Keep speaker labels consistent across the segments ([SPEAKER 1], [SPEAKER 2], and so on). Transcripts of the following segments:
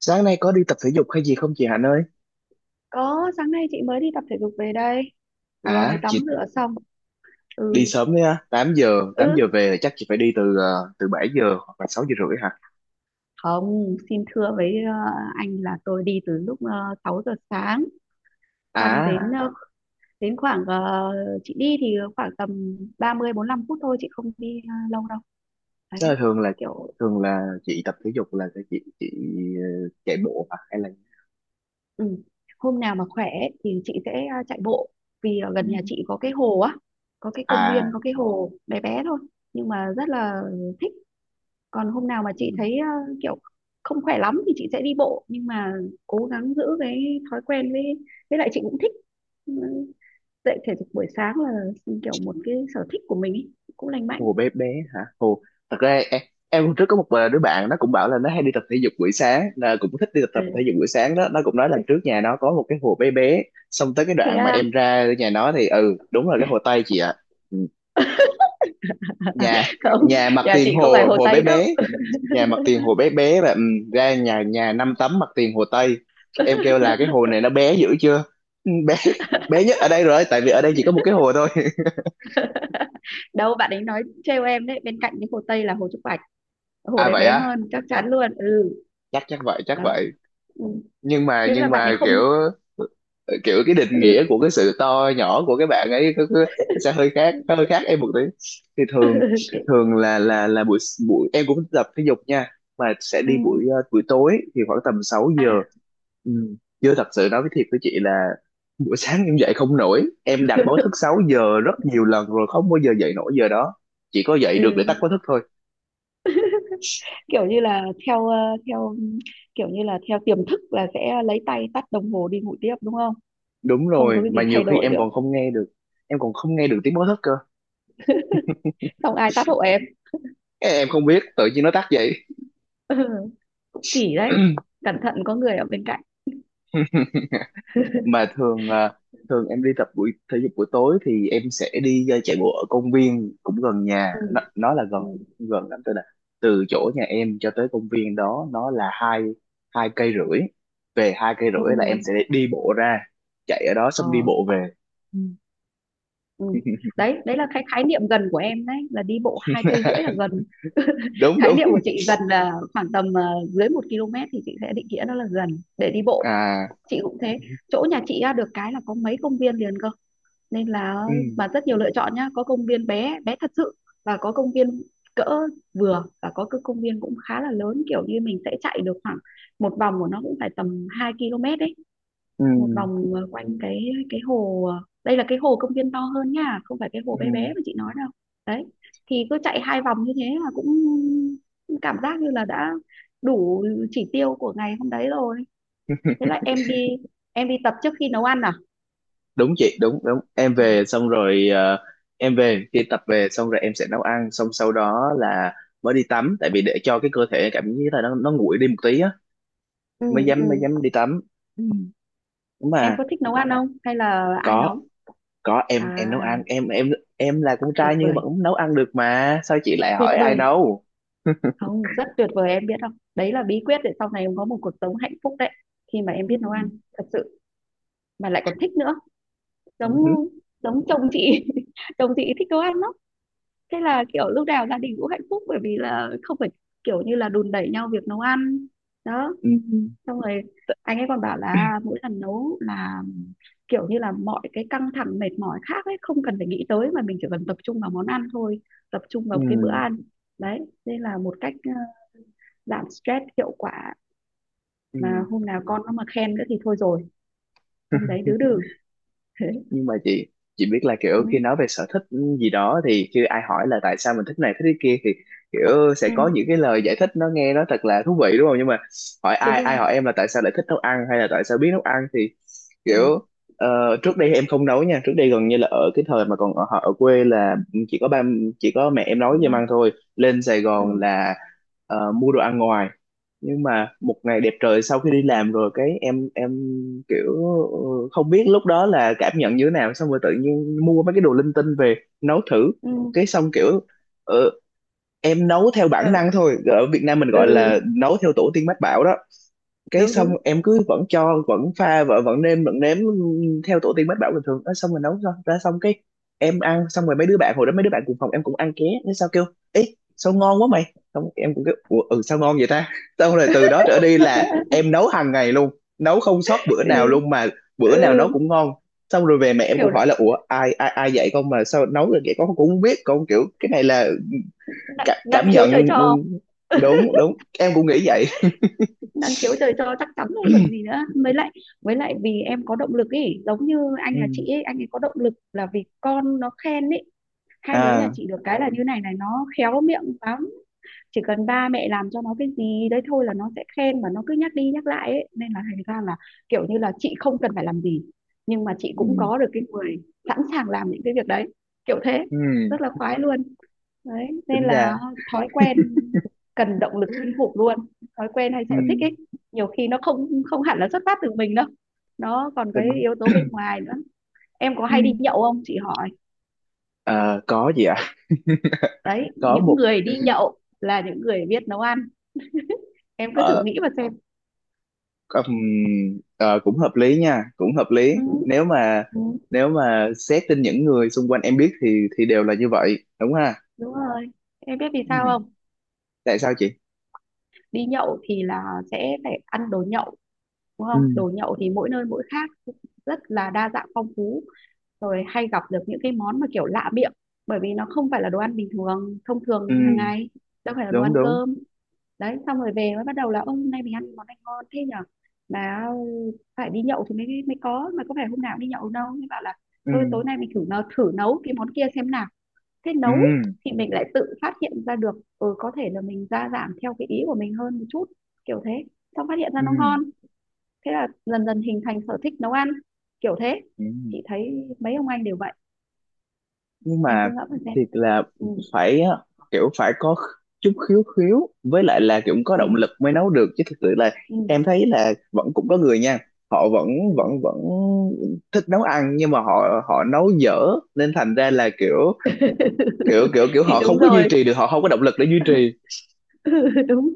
[SPEAKER 1] Sáng nay có đi tập thể dục hay gì không chị Hạnh ơi?
[SPEAKER 2] Có, sáng nay chị mới đi tập thể dục về đây. Vừa mới
[SPEAKER 1] À, chị
[SPEAKER 2] tắm rửa xong.
[SPEAKER 1] đi
[SPEAKER 2] Ừ,
[SPEAKER 1] sớm đấy á,
[SPEAKER 2] ừ,
[SPEAKER 1] 8 giờ về là chắc chị phải đi từ 7 giờ hoặc là 6 giờ rưỡi hả?
[SPEAKER 2] không, xin thưa với anh là tôi đi từ lúc 6 giờ sáng. Xong đến
[SPEAKER 1] À,
[SPEAKER 2] đến khoảng, chị đi thì khoảng tầm 30 lăm phút thôi, chị không đi lâu đâu.
[SPEAKER 1] tức là
[SPEAKER 2] Đấy, kiểu,
[SPEAKER 1] thường là chị tập thể dục, là chị chạy bộ hả hay là?
[SPEAKER 2] ừ. Hôm nào mà khỏe ấy thì chị sẽ chạy bộ. Vì ở gần nhà
[SPEAKER 1] Ừ.
[SPEAKER 2] chị có cái hồ á, có cái công viên,
[SPEAKER 1] À.
[SPEAKER 2] có cái hồ bé bé thôi. Nhưng mà rất là thích, còn hôm nào mà
[SPEAKER 1] Ừ.
[SPEAKER 2] chị thấy kiểu không khỏe lắm thì chị sẽ đi bộ, nhưng mà cố gắng giữ cái thói quen với lại chị cũng thích ừ, dậy thể dục buổi sáng là ừ, kiểu một cái sở thích của mình ý, cũng lành mạnh.
[SPEAKER 1] Hồ bé bé hả? Hồ thật ra em, hôm trước có một đứa bạn nó cũng bảo là nó hay đi tập thể dục buổi sáng, là cũng thích đi tập thể
[SPEAKER 2] Ừ.
[SPEAKER 1] dục buổi sáng đó. Nó cũng nói là trước nhà nó có một cái hồ bé bé, xong tới cái
[SPEAKER 2] Thế
[SPEAKER 1] đoạn mà
[SPEAKER 2] à.
[SPEAKER 1] em ra nhà nó thì đúng là cái hồ Tây chị ạ. Ừ. nhà
[SPEAKER 2] Không,
[SPEAKER 1] nhà mặt
[SPEAKER 2] nhà
[SPEAKER 1] tiền
[SPEAKER 2] chị không phải
[SPEAKER 1] hồ
[SPEAKER 2] Hồ
[SPEAKER 1] hồ bé
[SPEAKER 2] Tây đâu.
[SPEAKER 1] bé, nhà mặt tiền hồ bé bé và ra nhà nhà năm tấm mặt tiền hồ Tây. Em kêu là cái hồ này nó bé dữ chưa. Ừ, bé. bé nhất ở đây rồi, tại vì ở đây chỉ có một cái hồ thôi.
[SPEAKER 2] Đâu, bạn ấy nói trêu em đấy, bên cạnh cái Hồ Tây là Hồ Trúc Bạch, hồ
[SPEAKER 1] À,
[SPEAKER 2] đấy
[SPEAKER 1] vậy
[SPEAKER 2] bé
[SPEAKER 1] á.
[SPEAKER 2] hơn chắc chắn luôn. Ừ.
[SPEAKER 1] Chắc chắc vậy chắc
[SPEAKER 2] Đó.
[SPEAKER 1] vậy.
[SPEAKER 2] Ừ. Thế là
[SPEAKER 1] Nhưng
[SPEAKER 2] bạn ấy
[SPEAKER 1] mà kiểu,
[SPEAKER 2] không.
[SPEAKER 1] kiểu cái định nghĩa
[SPEAKER 2] Ừ.
[SPEAKER 1] của cái sự to nhỏ của cái bạn ấy cứ sẽ
[SPEAKER 2] Ừ.
[SPEAKER 1] hơi khác em một tí. Thì thường
[SPEAKER 2] Ừ.
[SPEAKER 1] thường là buổi, buổi em cũng tập thể dục nha, mà sẽ
[SPEAKER 2] Ừ,
[SPEAKER 1] đi buổi tối thì khoảng tầm 6 giờ.
[SPEAKER 2] à.
[SPEAKER 1] Ừ. Chưa, thật sự nói với, thiệt với chị là buổi sáng em dậy không nổi. Em đặt báo thức 6 giờ rất nhiều lần rồi không bao giờ dậy nổi giờ đó, chỉ có dậy được để tắt
[SPEAKER 2] Ừ,
[SPEAKER 1] báo thức thôi.
[SPEAKER 2] kiểu như là theo kiểu như là theo tiềm thức là sẽ lấy tay tắt đồng hồ đi ngủ tiếp, đúng không?
[SPEAKER 1] Đúng
[SPEAKER 2] Không có
[SPEAKER 1] rồi,
[SPEAKER 2] cái
[SPEAKER 1] mà
[SPEAKER 2] gì
[SPEAKER 1] nhiều
[SPEAKER 2] thay
[SPEAKER 1] khi
[SPEAKER 2] đổi
[SPEAKER 1] em
[SPEAKER 2] được.
[SPEAKER 1] còn không nghe được em còn không nghe được tiếng báo thức cơ.
[SPEAKER 2] Xong ai tắt hộ em.
[SPEAKER 1] Cái em không biết tự nhiên nó tắt vậy.
[SPEAKER 2] Ừ, kỳ đấy. Cẩn thận có người ở bên cạnh.
[SPEAKER 1] Mà thường, thường em đi tập buổi thể dục buổi tối thì em sẽ đi chạy bộ ở công viên cũng gần nhà.
[SPEAKER 2] Ừ,
[SPEAKER 1] Nó là gần,
[SPEAKER 2] ừ,
[SPEAKER 1] gần lắm. Tôi là từ chỗ nhà em cho tới công viên đó, nó là hai hai cây rưỡi. Về hai cây
[SPEAKER 2] ừ,
[SPEAKER 1] rưỡi là em sẽ đi bộ ra, chạy ở đó xong đi
[SPEAKER 2] ờ,
[SPEAKER 1] bộ về.
[SPEAKER 2] ừ. Đấy, đấy là cái khái niệm gần của em đấy, là đi bộ 2,5 cây là gần.
[SPEAKER 1] đúng
[SPEAKER 2] Khái
[SPEAKER 1] đúng.
[SPEAKER 2] niệm của chị gần là khoảng tầm dưới một km thì chị sẽ định nghĩa nó là gần, để đi bộ.
[SPEAKER 1] À.
[SPEAKER 2] Chị cũng thế. Chỗ nhà chị á, được cái là có mấy công viên liền cơ, nên là
[SPEAKER 1] Ừ.
[SPEAKER 2] bạn rất nhiều lựa chọn nhá, có công viên bé bé thật sự, và có công viên cỡ vừa, và có cái công viên cũng khá là lớn, kiểu như mình sẽ chạy được khoảng một vòng của nó cũng phải tầm 2 km đấy,
[SPEAKER 1] Ừ.
[SPEAKER 2] một vòng quanh cái cái hồ, đây là cái hồ công viên to hơn nha, không phải cái hồ
[SPEAKER 1] Ừ.
[SPEAKER 2] bé bé mà chị nói đâu. Đấy thì cứ chạy 2 vòng như thế là cũng cảm giác như là đã đủ chỉ tiêu của ngày hôm đấy rồi. Thế là em đi, em đi tập trước khi nấu ăn à.
[SPEAKER 1] Đúng chị, đúng đúng em
[SPEAKER 2] Ờ.
[SPEAKER 1] về xong rồi, em về khi tập về xong rồi em sẽ nấu ăn, xong sau đó là mới đi tắm, tại vì để cho cái cơ thể cảm giác là nó nguội đi một tí á
[SPEAKER 2] Ừ,
[SPEAKER 1] mới
[SPEAKER 2] ừ.
[SPEAKER 1] dám, mới dám đi tắm. Ừ. Đúng
[SPEAKER 2] Em
[SPEAKER 1] mà.
[SPEAKER 2] có thích nấu ăn không? Hay là ai
[SPEAKER 1] có
[SPEAKER 2] nấu?
[SPEAKER 1] có em
[SPEAKER 2] À,
[SPEAKER 1] nấu ăn em là con
[SPEAKER 2] tuyệt
[SPEAKER 1] trai nhưng vẫn
[SPEAKER 2] vời,
[SPEAKER 1] nấu ăn được, mà sao chị lại
[SPEAKER 2] tuyệt
[SPEAKER 1] hỏi ai
[SPEAKER 2] vời.
[SPEAKER 1] nấu.
[SPEAKER 2] Không, rất tuyệt vời em biết không? Đấy là bí quyết để sau này em có một cuộc sống hạnh phúc đấy. Khi mà em biết nấu
[SPEAKER 1] Ừ.
[SPEAKER 2] ăn, thật sự. Mà lại còn thích nữa. Giống
[SPEAKER 1] Ừ.
[SPEAKER 2] giống chồng chị. Chồng chị thích nấu ăn lắm. Thế là kiểu lúc nào gia đình cũng hạnh phúc, bởi vì là không phải kiểu như là đùn đẩy nhau việc nấu ăn. Đó,
[SPEAKER 1] Ừ.
[SPEAKER 2] xong rồi anh ấy còn bảo là mỗi lần nấu là kiểu như là mọi cái căng thẳng mệt mỏi khác ấy không cần phải nghĩ tới, mà mình chỉ cần tập trung vào món ăn thôi, tập trung
[SPEAKER 1] Ừ.
[SPEAKER 2] vào cái bữa ăn. Đấy, đây là một cách giảm stress hiệu quả, mà
[SPEAKER 1] Ừ.
[SPEAKER 2] hôm nào con nó mà khen nữa thì thôi rồi,
[SPEAKER 1] Ừ.
[SPEAKER 2] hôm đấy đứa đừ. Thế.
[SPEAKER 1] Nhưng mà chị biết là kiểu
[SPEAKER 2] Ừ,
[SPEAKER 1] khi nói về sở thích gì đó, thì khi ai hỏi là tại sao mình thích này thích cái kia thì kiểu sẽ
[SPEAKER 2] ừ,
[SPEAKER 1] có những cái lời giải thích nó nghe nó thật là thú vị đúng không. Nhưng mà hỏi,
[SPEAKER 2] đúng
[SPEAKER 1] ai ai
[SPEAKER 2] rồi.
[SPEAKER 1] hỏi em là tại sao lại thích nấu ăn hay là tại sao biết nấu ăn thì
[SPEAKER 2] Ừ,
[SPEAKER 1] kiểu, trước đây em không nấu nha. Trước đây gần như là ở cái thời mà còn ở, ở quê là chỉ có ba, chỉ có mẹ em nấu cho
[SPEAKER 2] đúng
[SPEAKER 1] em
[SPEAKER 2] rồi.
[SPEAKER 1] ăn thôi. Lên Sài
[SPEAKER 2] Ừ,
[SPEAKER 1] Gòn là mua đồ ăn ngoài. Nhưng mà một ngày đẹp trời sau khi đi làm rồi, cái em kiểu ừ, không biết lúc đó là cảm nhận như thế nào, xong rồi tự nhiên mua mấy cái đồ linh tinh về nấu thử.
[SPEAKER 2] ừ,
[SPEAKER 1] Cái xong kiểu, ừ, em nấu theo bản
[SPEAKER 2] ờ,
[SPEAKER 1] năng thôi, ở Việt Nam mình
[SPEAKER 2] ừ,
[SPEAKER 1] gọi là
[SPEAKER 2] ừ,
[SPEAKER 1] nấu theo tổ tiên mách bảo đó. Cái
[SPEAKER 2] đúng
[SPEAKER 1] xong
[SPEAKER 2] đúng.
[SPEAKER 1] em cứ vẫn cho, vẫn pha vợ, vẫn nêm vẫn nếm theo tổ tiên mách bảo bình thường. Nói xong rồi nấu ra, ra xong cái em ăn, xong rồi mấy đứa bạn hồi đó, mấy đứa bạn cùng phòng em cũng ăn ké. Nó sao kêu: ê sao ngon quá mày. Xong em cũng kêu: ủa, ừ sao ngon vậy ta. Xong rồi từ đó trở đi là em nấu hàng ngày luôn, nấu không sót bữa
[SPEAKER 2] Ừ,
[SPEAKER 1] nào luôn, mà bữa nào
[SPEAKER 2] ừ,
[SPEAKER 1] nấu cũng ngon. Xong rồi về mẹ em
[SPEAKER 2] kiểu
[SPEAKER 1] cũng hỏi là: ủa ai ai ai dạy con mà sao nấu được vậy. Con cũng không biết, con kiểu cái này là
[SPEAKER 2] năng,
[SPEAKER 1] cả,
[SPEAKER 2] năng
[SPEAKER 1] cảm
[SPEAKER 2] khiếu
[SPEAKER 1] nhận.
[SPEAKER 2] trời
[SPEAKER 1] Ừ,
[SPEAKER 2] cho.
[SPEAKER 1] đúng đúng, em cũng nghĩ vậy.
[SPEAKER 2] Đang khiếu trời cho chắc chắn rồi còn gì nữa. Với lại với lại vì em có động lực ấy, giống như anh
[SPEAKER 1] Ừ.
[SPEAKER 2] nhà chị ấy, anh ấy có động lực là vì con nó khen ấy. Hai đứa nhà
[SPEAKER 1] À.
[SPEAKER 2] chị được cái là như này này, nó khéo miệng lắm. Chỉ cần ba mẹ làm cho nó cái gì đấy thôi là nó sẽ khen, và nó cứ nhắc đi nhắc lại ấy, nên là thành ra là kiểu như là chị không cần phải làm gì, nhưng mà chị cũng
[SPEAKER 1] Ừ.
[SPEAKER 2] có được cái người sẵn sàng làm những cái việc đấy, kiểu thế.
[SPEAKER 1] Ừ.
[SPEAKER 2] Rất là khoái luôn. Đấy nên
[SPEAKER 1] Tính
[SPEAKER 2] là
[SPEAKER 1] ra.
[SPEAKER 2] thói quen cần động lực kinh khủng luôn, thói quen hay
[SPEAKER 1] Ừ.
[SPEAKER 2] sở thích ấy, nhiều khi nó không không hẳn là xuất phát từ mình đâu, nó còn cái
[SPEAKER 1] Tính.
[SPEAKER 2] yếu tố bên ngoài nữa. Em có
[SPEAKER 1] Ừ.
[SPEAKER 2] hay đi nhậu không chị hỏi.
[SPEAKER 1] Ờ, có gì ạ.
[SPEAKER 2] Đấy,
[SPEAKER 1] Có
[SPEAKER 2] những
[SPEAKER 1] một,
[SPEAKER 2] người đi nhậu là những người biết nấu ăn, em cứ thử
[SPEAKER 1] ờ,
[SPEAKER 2] nghĩ mà xem.
[SPEAKER 1] có- ừm, cũng hợp lý nha, cũng hợp lý.
[SPEAKER 2] Ừ,
[SPEAKER 1] Nếu mà,
[SPEAKER 2] ừ,
[SPEAKER 1] nếu mà xét trên những người xung quanh em biết thì đều là như vậy đúng ha.
[SPEAKER 2] đúng rồi. Em biết vì sao
[SPEAKER 1] Ừ.
[SPEAKER 2] không?
[SPEAKER 1] Tại sao chị.
[SPEAKER 2] Đi nhậu thì là sẽ phải ăn đồ nhậu, đúng
[SPEAKER 1] Ừ.
[SPEAKER 2] không? Đồ nhậu thì mỗi nơi mỗi khác, rất là đa dạng phong phú, rồi hay gặp được những cái món mà kiểu lạ miệng, bởi vì nó không phải là đồ ăn bình thường thông
[SPEAKER 1] Ừ.
[SPEAKER 2] thường hàng ngày, đâu phải là đồ
[SPEAKER 1] Đúng
[SPEAKER 2] ăn
[SPEAKER 1] đúng.
[SPEAKER 2] cơm. Đấy, xong rồi về mới bắt đầu là ông hôm nay mình ăn món này ngon thế nhở, mà phải đi nhậu thì mới mới có, mà có phải hôm nào cũng đi nhậu đâu, mới bảo là
[SPEAKER 1] Ừ.
[SPEAKER 2] thôi tối nay mình thử nấu cái món kia xem nào. Thế
[SPEAKER 1] Ừ.
[SPEAKER 2] nấu thì mình lại tự phát hiện ra được, ừ, có thể là mình gia giảm theo cái ý của mình hơn một chút, kiểu thế, xong phát hiện ra
[SPEAKER 1] Ừ.
[SPEAKER 2] nó ngon, thế là dần dần hình thành sở thích nấu ăn, kiểu thế.
[SPEAKER 1] Ừ.
[SPEAKER 2] Chị thấy mấy ông anh đều vậy,
[SPEAKER 1] Nhưng
[SPEAKER 2] em cứ
[SPEAKER 1] mà
[SPEAKER 2] ngẫm mà xem.
[SPEAKER 1] thiệt là
[SPEAKER 2] Ừ,
[SPEAKER 1] phải á, kiểu phải có chút khiếu, khiếu với lại là kiểu có
[SPEAKER 2] ừ,
[SPEAKER 1] động lực mới nấu được chứ. Thực sự là
[SPEAKER 2] ừ,
[SPEAKER 1] em thấy là vẫn cũng có người nha, họ vẫn, vẫn
[SPEAKER 2] ừ.
[SPEAKER 1] vẫn thích nấu ăn nhưng mà họ, họ nấu dở nên thành ra là kiểu, kiểu
[SPEAKER 2] Thì
[SPEAKER 1] họ không
[SPEAKER 2] đúng
[SPEAKER 1] có
[SPEAKER 2] rồi.
[SPEAKER 1] duy trì được, họ không có động lực để duy trì.
[SPEAKER 2] Đúng.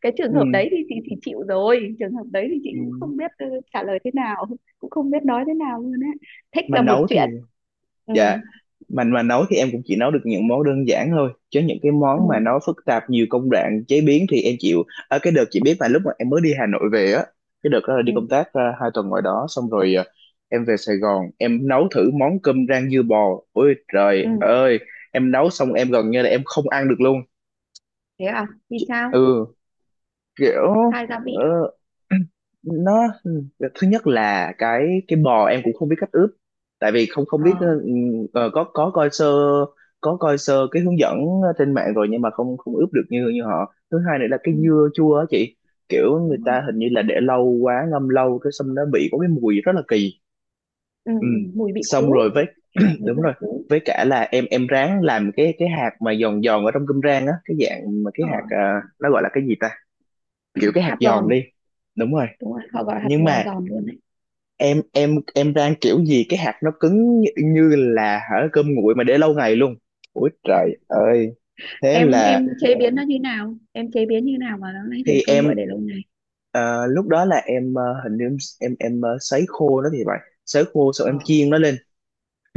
[SPEAKER 2] Cái trường
[SPEAKER 1] Ừ.
[SPEAKER 2] hợp đấy thì, thì chịu rồi, trường hợp đấy thì chị
[SPEAKER 1] Ừ.
[SPEAKER 2] cũng không biết trả lời thế nào, cũng không biết nói thế nào luôn á. Thích
[SPEAKER 1] Mà
[SPEAKER 2] là một
[SPEAKER 1] nấu thì,
[SPEAKER 2] chuyện. Ừ,
[SPEAKER 1] dạ, mình mà nấu thì em cũng chỉ nấu được những món đơn giản thôi, chứ những cái
[SPEAKER 2] ừ,
[SPEAKER 1] món mà nó phức tạp nhiều công đoạn chế biến thì em chịu. Ở cái đợt chị biết mà, lúc mà em mới đi Hà Nội về á, cái đợt đó là đi
[SPEAKER 2] ừ,
[SPEAKER 1] công tác hai tuần ngoài đó. Xong rồi em về Sài Gòn em nấu thử món cơm rang dưa bò, ôi
[SPEAKER 2] ừ.
[SPEAKER 1] trời ơi, em nấu xong em gần như là em không ăn được luôn.
[SPEAKER 2] Thế à? Vì sao?
[SPEAKER 1] Ừ, kiểu,
[SPEAKER 2] Thay gia
[SPEAKER 1] ờ,
[SPEAKER 2] vị.
[SPEAKER 1] nó, thứ nhất là cái bò em cũng không biết cách ướp, tại vì không, không biết,
[SPEAKER 2] Ờ.
[SPEAKER 1] có coi sơ, có coi sơ cái hướng dẫn trên mạng rồi, nhưng mà không, không ướp được như, như họ. Thứ hai nữa là cái
[SPEAKER 2] Ừ,
[SPEAKER 1] dưa chua á chị, kiểu người
[SPEAKER 2] đúng rồi.
[SPEAKER 1] ta hình như là để lâu quá, ngâm lâu, cái xong nó bị có cái mùi rất là kỳ.
[SPEAKER 2] Ừ,
[SPEAKER 1] Ừ.
[SPEAKER 2] ừ, mùi vị
[SPEAKER 1] Xong
[SPEAKER 2] khú.
[SPEAKER 1] rồi với,
[SPEAKER 2] Thế là mùi
[SPEAKER 1] đúng
[SPEAKER 2] dương
[SPEAKER 1] rồi,
[SPEAKER 2] khú.
[SPEAKER 1] với cả là em ráng làm cái hạt mà giòn giòn ở trong cơm rang á, cái dạng mà cái
[SPEAKER 2] Ờ,
[SPEAKER 1] hạt, nó gọi là cái gì ta, kiểu cái hạt
[SPEAKER 2] hạt giòn.
[SPEAKER 1] giòn đi. Đúng rồi.
[SPEAKER 2] Đúng rồi, họ gọi hạt
[SPEAKER 1] Nhưng
[SPEAKER 2] giò
[SPEAKER 1] mà
[SPEAKER 2] giòn luôn đấy.
[SPEAKER 1] em, rang kiểu gì cái hạt nó cứng như, như là hả cơm nguội mà để lâu ngày luôn. Ôi trời ơi. Thế
[SPEAKER 2] em
[SPEAKER 1] là,
[SPEAKER 2] em chế biến nó như nào, em chế biến như nào mà nó lại thành
[SPEAKER 1] thì
[SPEAKER 2] công
[SPEAKER 1] em,
[SPEAKER 2] gọi để lâu ngày.
[SPEAKER 1] lúc đó là em, Hình như em sấy khô nó thì phải, sấy khô xong em
[SPEAKER 2] Ờ,
[SPEAKER 1] chiên nó lên.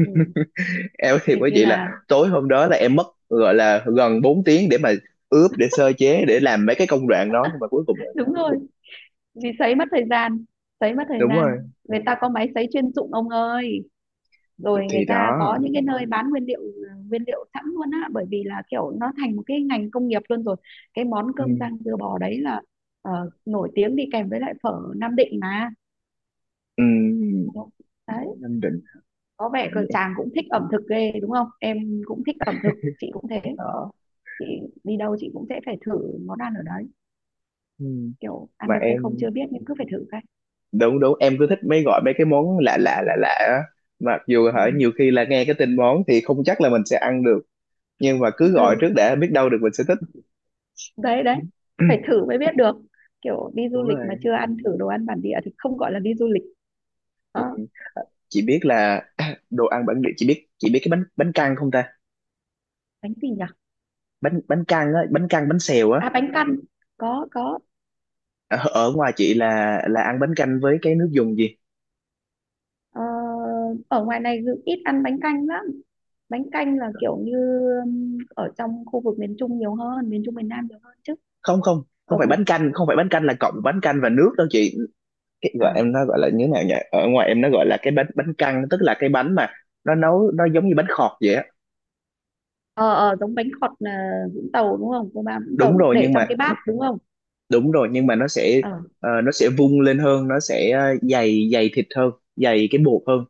[SPEAKER 2] ừ.
[SPEAKER 1] em thì
[SPEAKER 2] Hình
[SPEAKER 1] quý
[SPEAKER 2] như
[SPEAKER 1] vị là
[SPEAKER 2] là.
[SPEAKER 1] tối hôm đó là em mất gọi là gần 4 tiếng để mà ướp, để sơ chế, để làm mấy cái công đoạn đó, nhưng mà cuối cùng là-
[SPEAKER 2] Đúng rồi, vì sấy mất thời gian, sấy mất thời
[SPEAKER 1] đúng
[SPEAKER 2] gian.
[SPEAKER 1] rồi.
[SPEAKER 2] Người ta có máy sấy chuyên dụng ông ơi, rồi người
[SPEAKER 1] Thì
[SPEAKER 2] ta
[SPEAKER 1] đó.
[SPEAKER 2] có những cái nơi bán nguyên liệu, à, nguyên liệu sẵn luôn á, bởi vì là kiểu nó thành một cái ngành công nghiệp luôn rồi. Cái món
[SPEAKER 1] Ừ.
[SPEAKER 2] cơm rang dưa bò đấy là nổi tiếng đi kèm với lại phở Nam Định mà.
[SPEAKER 1] Ừ. Ở
[SPEAKER 2] Đấy,
[SPEAKER 1] Nam Định.
[SPEAKER 2] có vẻ cờ chàng cũng thích ẩm thực ghê đúng không, em cũng thích ẩm thực, chị cũng thế.
[SPEAKER 1] Đó.
[SPEAKER 2] Chị đi đâu chị cũng sẽ phải thử món ăn ở đấy,
[SPEAKER 1] Ừ.
[SPEAKER 2] kiểu ăn
[SPEAKER 1] Mà
[SPEAKER 2] được hay không
[SPEAKER 1] em,
[SPEAKER 2] chưa biết nhưng cứ phải thử cái.
[SPEAKER 1] đúng đúng, em cứ thích mấy, gọi mấy cái món lạ lạ lạ lạ á. Mặc dù hả nhiều
[SPEAKER 2] Ừ.
[SPEAKER 1] khi là nghe cái tên món thì không chắc là mình sẽ ăn được, nhưng mà cứ gọi
[SPEAKER 2] Ừ.
[SPEAKER 1] trước để biết đâu được mình sẽ thích.
[SPEAKER 2] Đấy, đấy, phải thử mới biết được. Kiểu đi du
[SPEAKER 1] Đúng
[SPEAKER 2] lịch mà
[SPEAKER 1] rồi.
[SPEAKER 2] chưa ăn thử đồ ăn bản địa thì không gọi là đi du lịch.
[SPEAKER 1] Ừ,
[SPEAKER 2] Đó.
[SPEAKER 1] chị biết là đồ ăn bản địa, chị biết, chị biết cái bánh, bánh căn không ta?
[SPEAKER 2] Bánh gì nhỉ?
[SPEAKER 1] Bánh, bánh căn á, bánh căn, bánh xèo á.
[SPEAKER 2] À, bánh căn, có có.
[SPEAKER 1] Ở, ở ngoài chị là ăn bánh canh với cái nước dùng gì?
[SPEAKER 2] Ờ, ở ngoài này dự- ít ăn bánh canh lắm, bánh canh là kiểu như ở trong khu vực miền Trung nhiều hơn, miền Trung miền Nam nhiều hơn chứ.
[SPEAKER 1] Không, không, không
[SPEAKER 2] Ở.
[SPEAKER 1] phải bánh canh, không phải bánh canh là cộng bánh canh và nước đâu chị. Cái gọi
[SPEAKER 2] À,
[SPEAKER 1] em nó gọi là như thế nào nhỉ? Ở ngoài em nó gọi là cái bánh, bánh căn, tức là cái bánh mà nó nấu nó giống như bánh khọt vậy á.
[SPEAKER 2] ờ, ờ, giống bánh khọt là Vũng Tàu đúng không, cô ba Vũng Tàu,
[SPEAKER 1] Đúng rồi
[SPEAKER 2] để
[SPEAKER 1] nhưng
[SPEAKER 2] trong
[SPEAKER 1] mà,
[SPEAKER 2] cái bát đúng không?
[SPEAKER 1] đúng rồi nhưng mà nó sẽ,
[SPEAKER 2] Ờ.
[SPEAKER 1] nó sẽ vung lên hơn, nó sẽ dày, dày thịt hơn, dày cái bột hơn.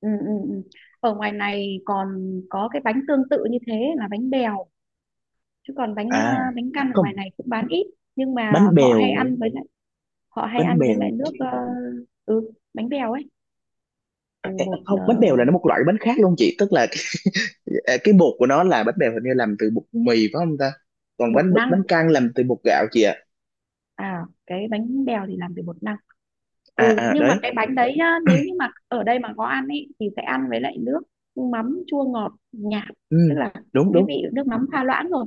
[SPEAKER 2] Ừ, ừ, ừ. Ở ngoài này còn có cái bánh tương tự như thế là bánh bèo, chứ còn bánh
[SPEAKER 1] À,
[SPEAKER 2] bánh căn ở
[SPEAKER 1] không
[SPEAKER 2] ngoài này cũng bán ít, nhưng mà
[SPEAKER 1] bánh
[SPEAKER 2] họ
[SPEAKER 1] bèo.
[SPEAKER 2] hay ăn với lại, họ hay
[SPEAKER 1] Bánh
[SPEAKER 2] ăn với
[SPEAKER 1] bèo
[SPEAKER 2] lại nước
[SPEAKER 1] thì-
[SPEAKER 2] ừ, bánh bèo ấy,
[SPEAKER 1] à,
[SPEAKER 2] từ
[SPEAKER 1] à, à,
[SPEAKER 2] bột
[SPEAKER 1] không, bánh bèo là nó một loại bánh khác luôn chị, tức là cái, à, cái bột của nó là bánh bèo hình như làm từ bột mì phải không ta? Còn
[SPEAKER 2] bột
[SPEAKER 1] bánh,
[SPEAKER 2] năng.
[SPEAKER 1] bánh căn làm từ bột gạo chị ạ.
[SPEAKER 2] À, cái bánh bèo thì làm từ bột năng.
[SPEAKER 1] À
[SPEAKER 2] Ừ,
[SPEAKER 1] à
[SPEAKER 2] nhưng mà
[SPEAKER 1] đấy.
[SPEAKER 2] cái bánh đấy nhá, nếu như mà ở đây mà có ăn ấy thì sẽ ăn với lại nước mắm chua ngọt nhạt, tức
[SPEAKER 1] Ừ,
[SPEAKER 2] là
[SPEAKER 1] đúng
[SPEAKER 2] cái
[SPEAKER 1] đúng.
[SPEAKER 2] vị nước mắm pha loãng rồi.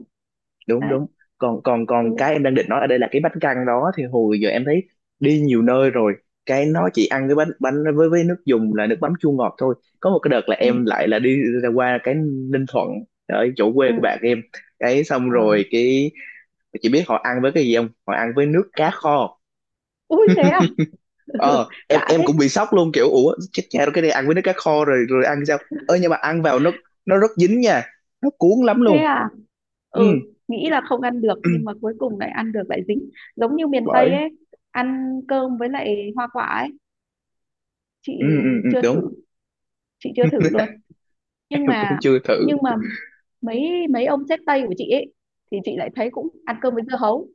[SPEAKER 1] Đúng
[SPEAKER 2] Đấy.
[SPEAKER 1] đúng. Còn, còn còn
[SPEAKER 2] Ừ,
[SPEAKER 1] cái em đang định nói ở đây là cái bánh căn đó thì hồi giờ em thấy đi nhiều nơi rồi, cái nó chỉ ăn cái bánh, bánh với nước dùng là nước mắm chua ngọt thôi. Có một cái đợt là
[SPEAKER 2] ừ,
[SPEAKER 1] em lại là đi ra qua cái Ninh Thuận, ở chỗ quê của bạn
[SPEAKER 2] ừ,
[SPEAKER 1] em, cái xong
[SPEAKER 2] ờ,
[SPEAKER 1] rồi cái chị biết họ ăn với cái gì không? Họ ăn với nước cá
[SPEAKER 2] không.
[SPEAKER 1] kho.
[SPEAKER 2] Ui, thế à.
[SPEAKER 1] Ờ, em
[SPEAKER 2] Lạ
[SPEAKER 1] em
[SPEAKER 2] thế.
[SPEAKER 1] cũng bị sốc luôn, kiểu ủa chết cha rồi, cái này ăn với nước cá kho rồi rồi ăn sao. Ơ nhưng mà ăn vào nó rất dính nha, nó cuốn lắm
[SPEAKER 2] Thế
[SPEAKER 1] luôn.
[SPEAKER 2] à.
[SPEAKER 1] Ừ.
[SPEAKER 2] Ừ, nghĩ là không ăn được nhưng mà cuối cùng lại ăn được, lại dính. Giống như miền
[SPEAKER 1] Bởi.
[SPEAKER 2] Tây ấy, ăn cơm với lại hoa quả ấy. Chị
[SPEAKER 1] Ừ, ừ, ừ,
[SPEAKER 2] chưa thử.
[SPEAKER 1] đúng.
[SPEAKER 2] Chị chưa thử luôn. Nhưng
[SPEAKER 1] em cũng
[SPEAKER 2] mà,
[SPEAKER 1] chưa thử.
[SPEAKER 2] nhưng mà mấy mấy ông sếp Tây của chị ấy thì chị lại thấy cũng ăn cơm với dưa hấu,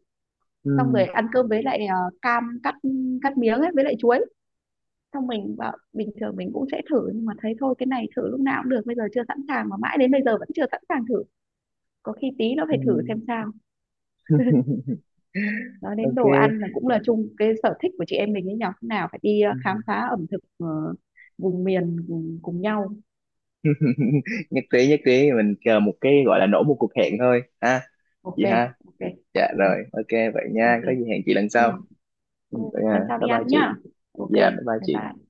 [SPEAKER 2] xong rồi
[SPEAKER 1] Ừ.
[SPEAKER 2] ăn cơm với lại cam cắt, cắt miếng ấy với lại chuối. Xong mình bảo bình thường mình cũng sẽ thử nhưng mà thấy thôi cái này thử lúc nào cũng được, bây giờ chưa sẵn sàng mà mãi đến bây giờ vẫn chưa sẵn sàng thử, có khi tí nó
[SPEAKER 1] Ừ.
[SPEAKER 2] phải thử xem sao. Nói đến
[SPEAKER 1] ok.
[SPEAKER 2] đồ ăn là cũng là chung cái sở thích của chị em mình ấy nhỉ. Lúc nào phải đi khám
[SPEAKER 1] Ừ.
[SPEAKER 2] phá ẩm thực vùng miền cùng nhau.
[SPEAKER 1] nhất trí, nhất trí, mình chờ một cái gọi là nổ một cuộc hẹn thôi ha,
[SPEAKER 2] Ok.
[SPEAKER 1] chị ha.
[SPEAKER 2] Ok.
[SPEAKER 1] Dạ
[SPEAKER 2] Ừ,
[SPEAKER 1] rồi, ok vậy nha,
[SPEAKER 2] ok.
[SPEAKER 1] có gì hẹn chị lần
[SPEAKER 2] Ừ,
[SPEAKER 1] sau. Ừ,
[SPEAKER 2] ừ.
[SPEAKER 1] vậy nha,
[SPEAKER 2] Lần sau
[SPEAKER 1] bye
[SPEAKER 2] đi
[SPEAKER 1] bye
[SPEAKER 2] ăn
[SPEAKER 1] chị.
[SPEAKER 2] nhá. Ok.
[SPEAKER 1] Dạ bye bye
[SPEAKER 2] Bye
[SPEAKER 1] chị.
[SPEAKER 2] bye.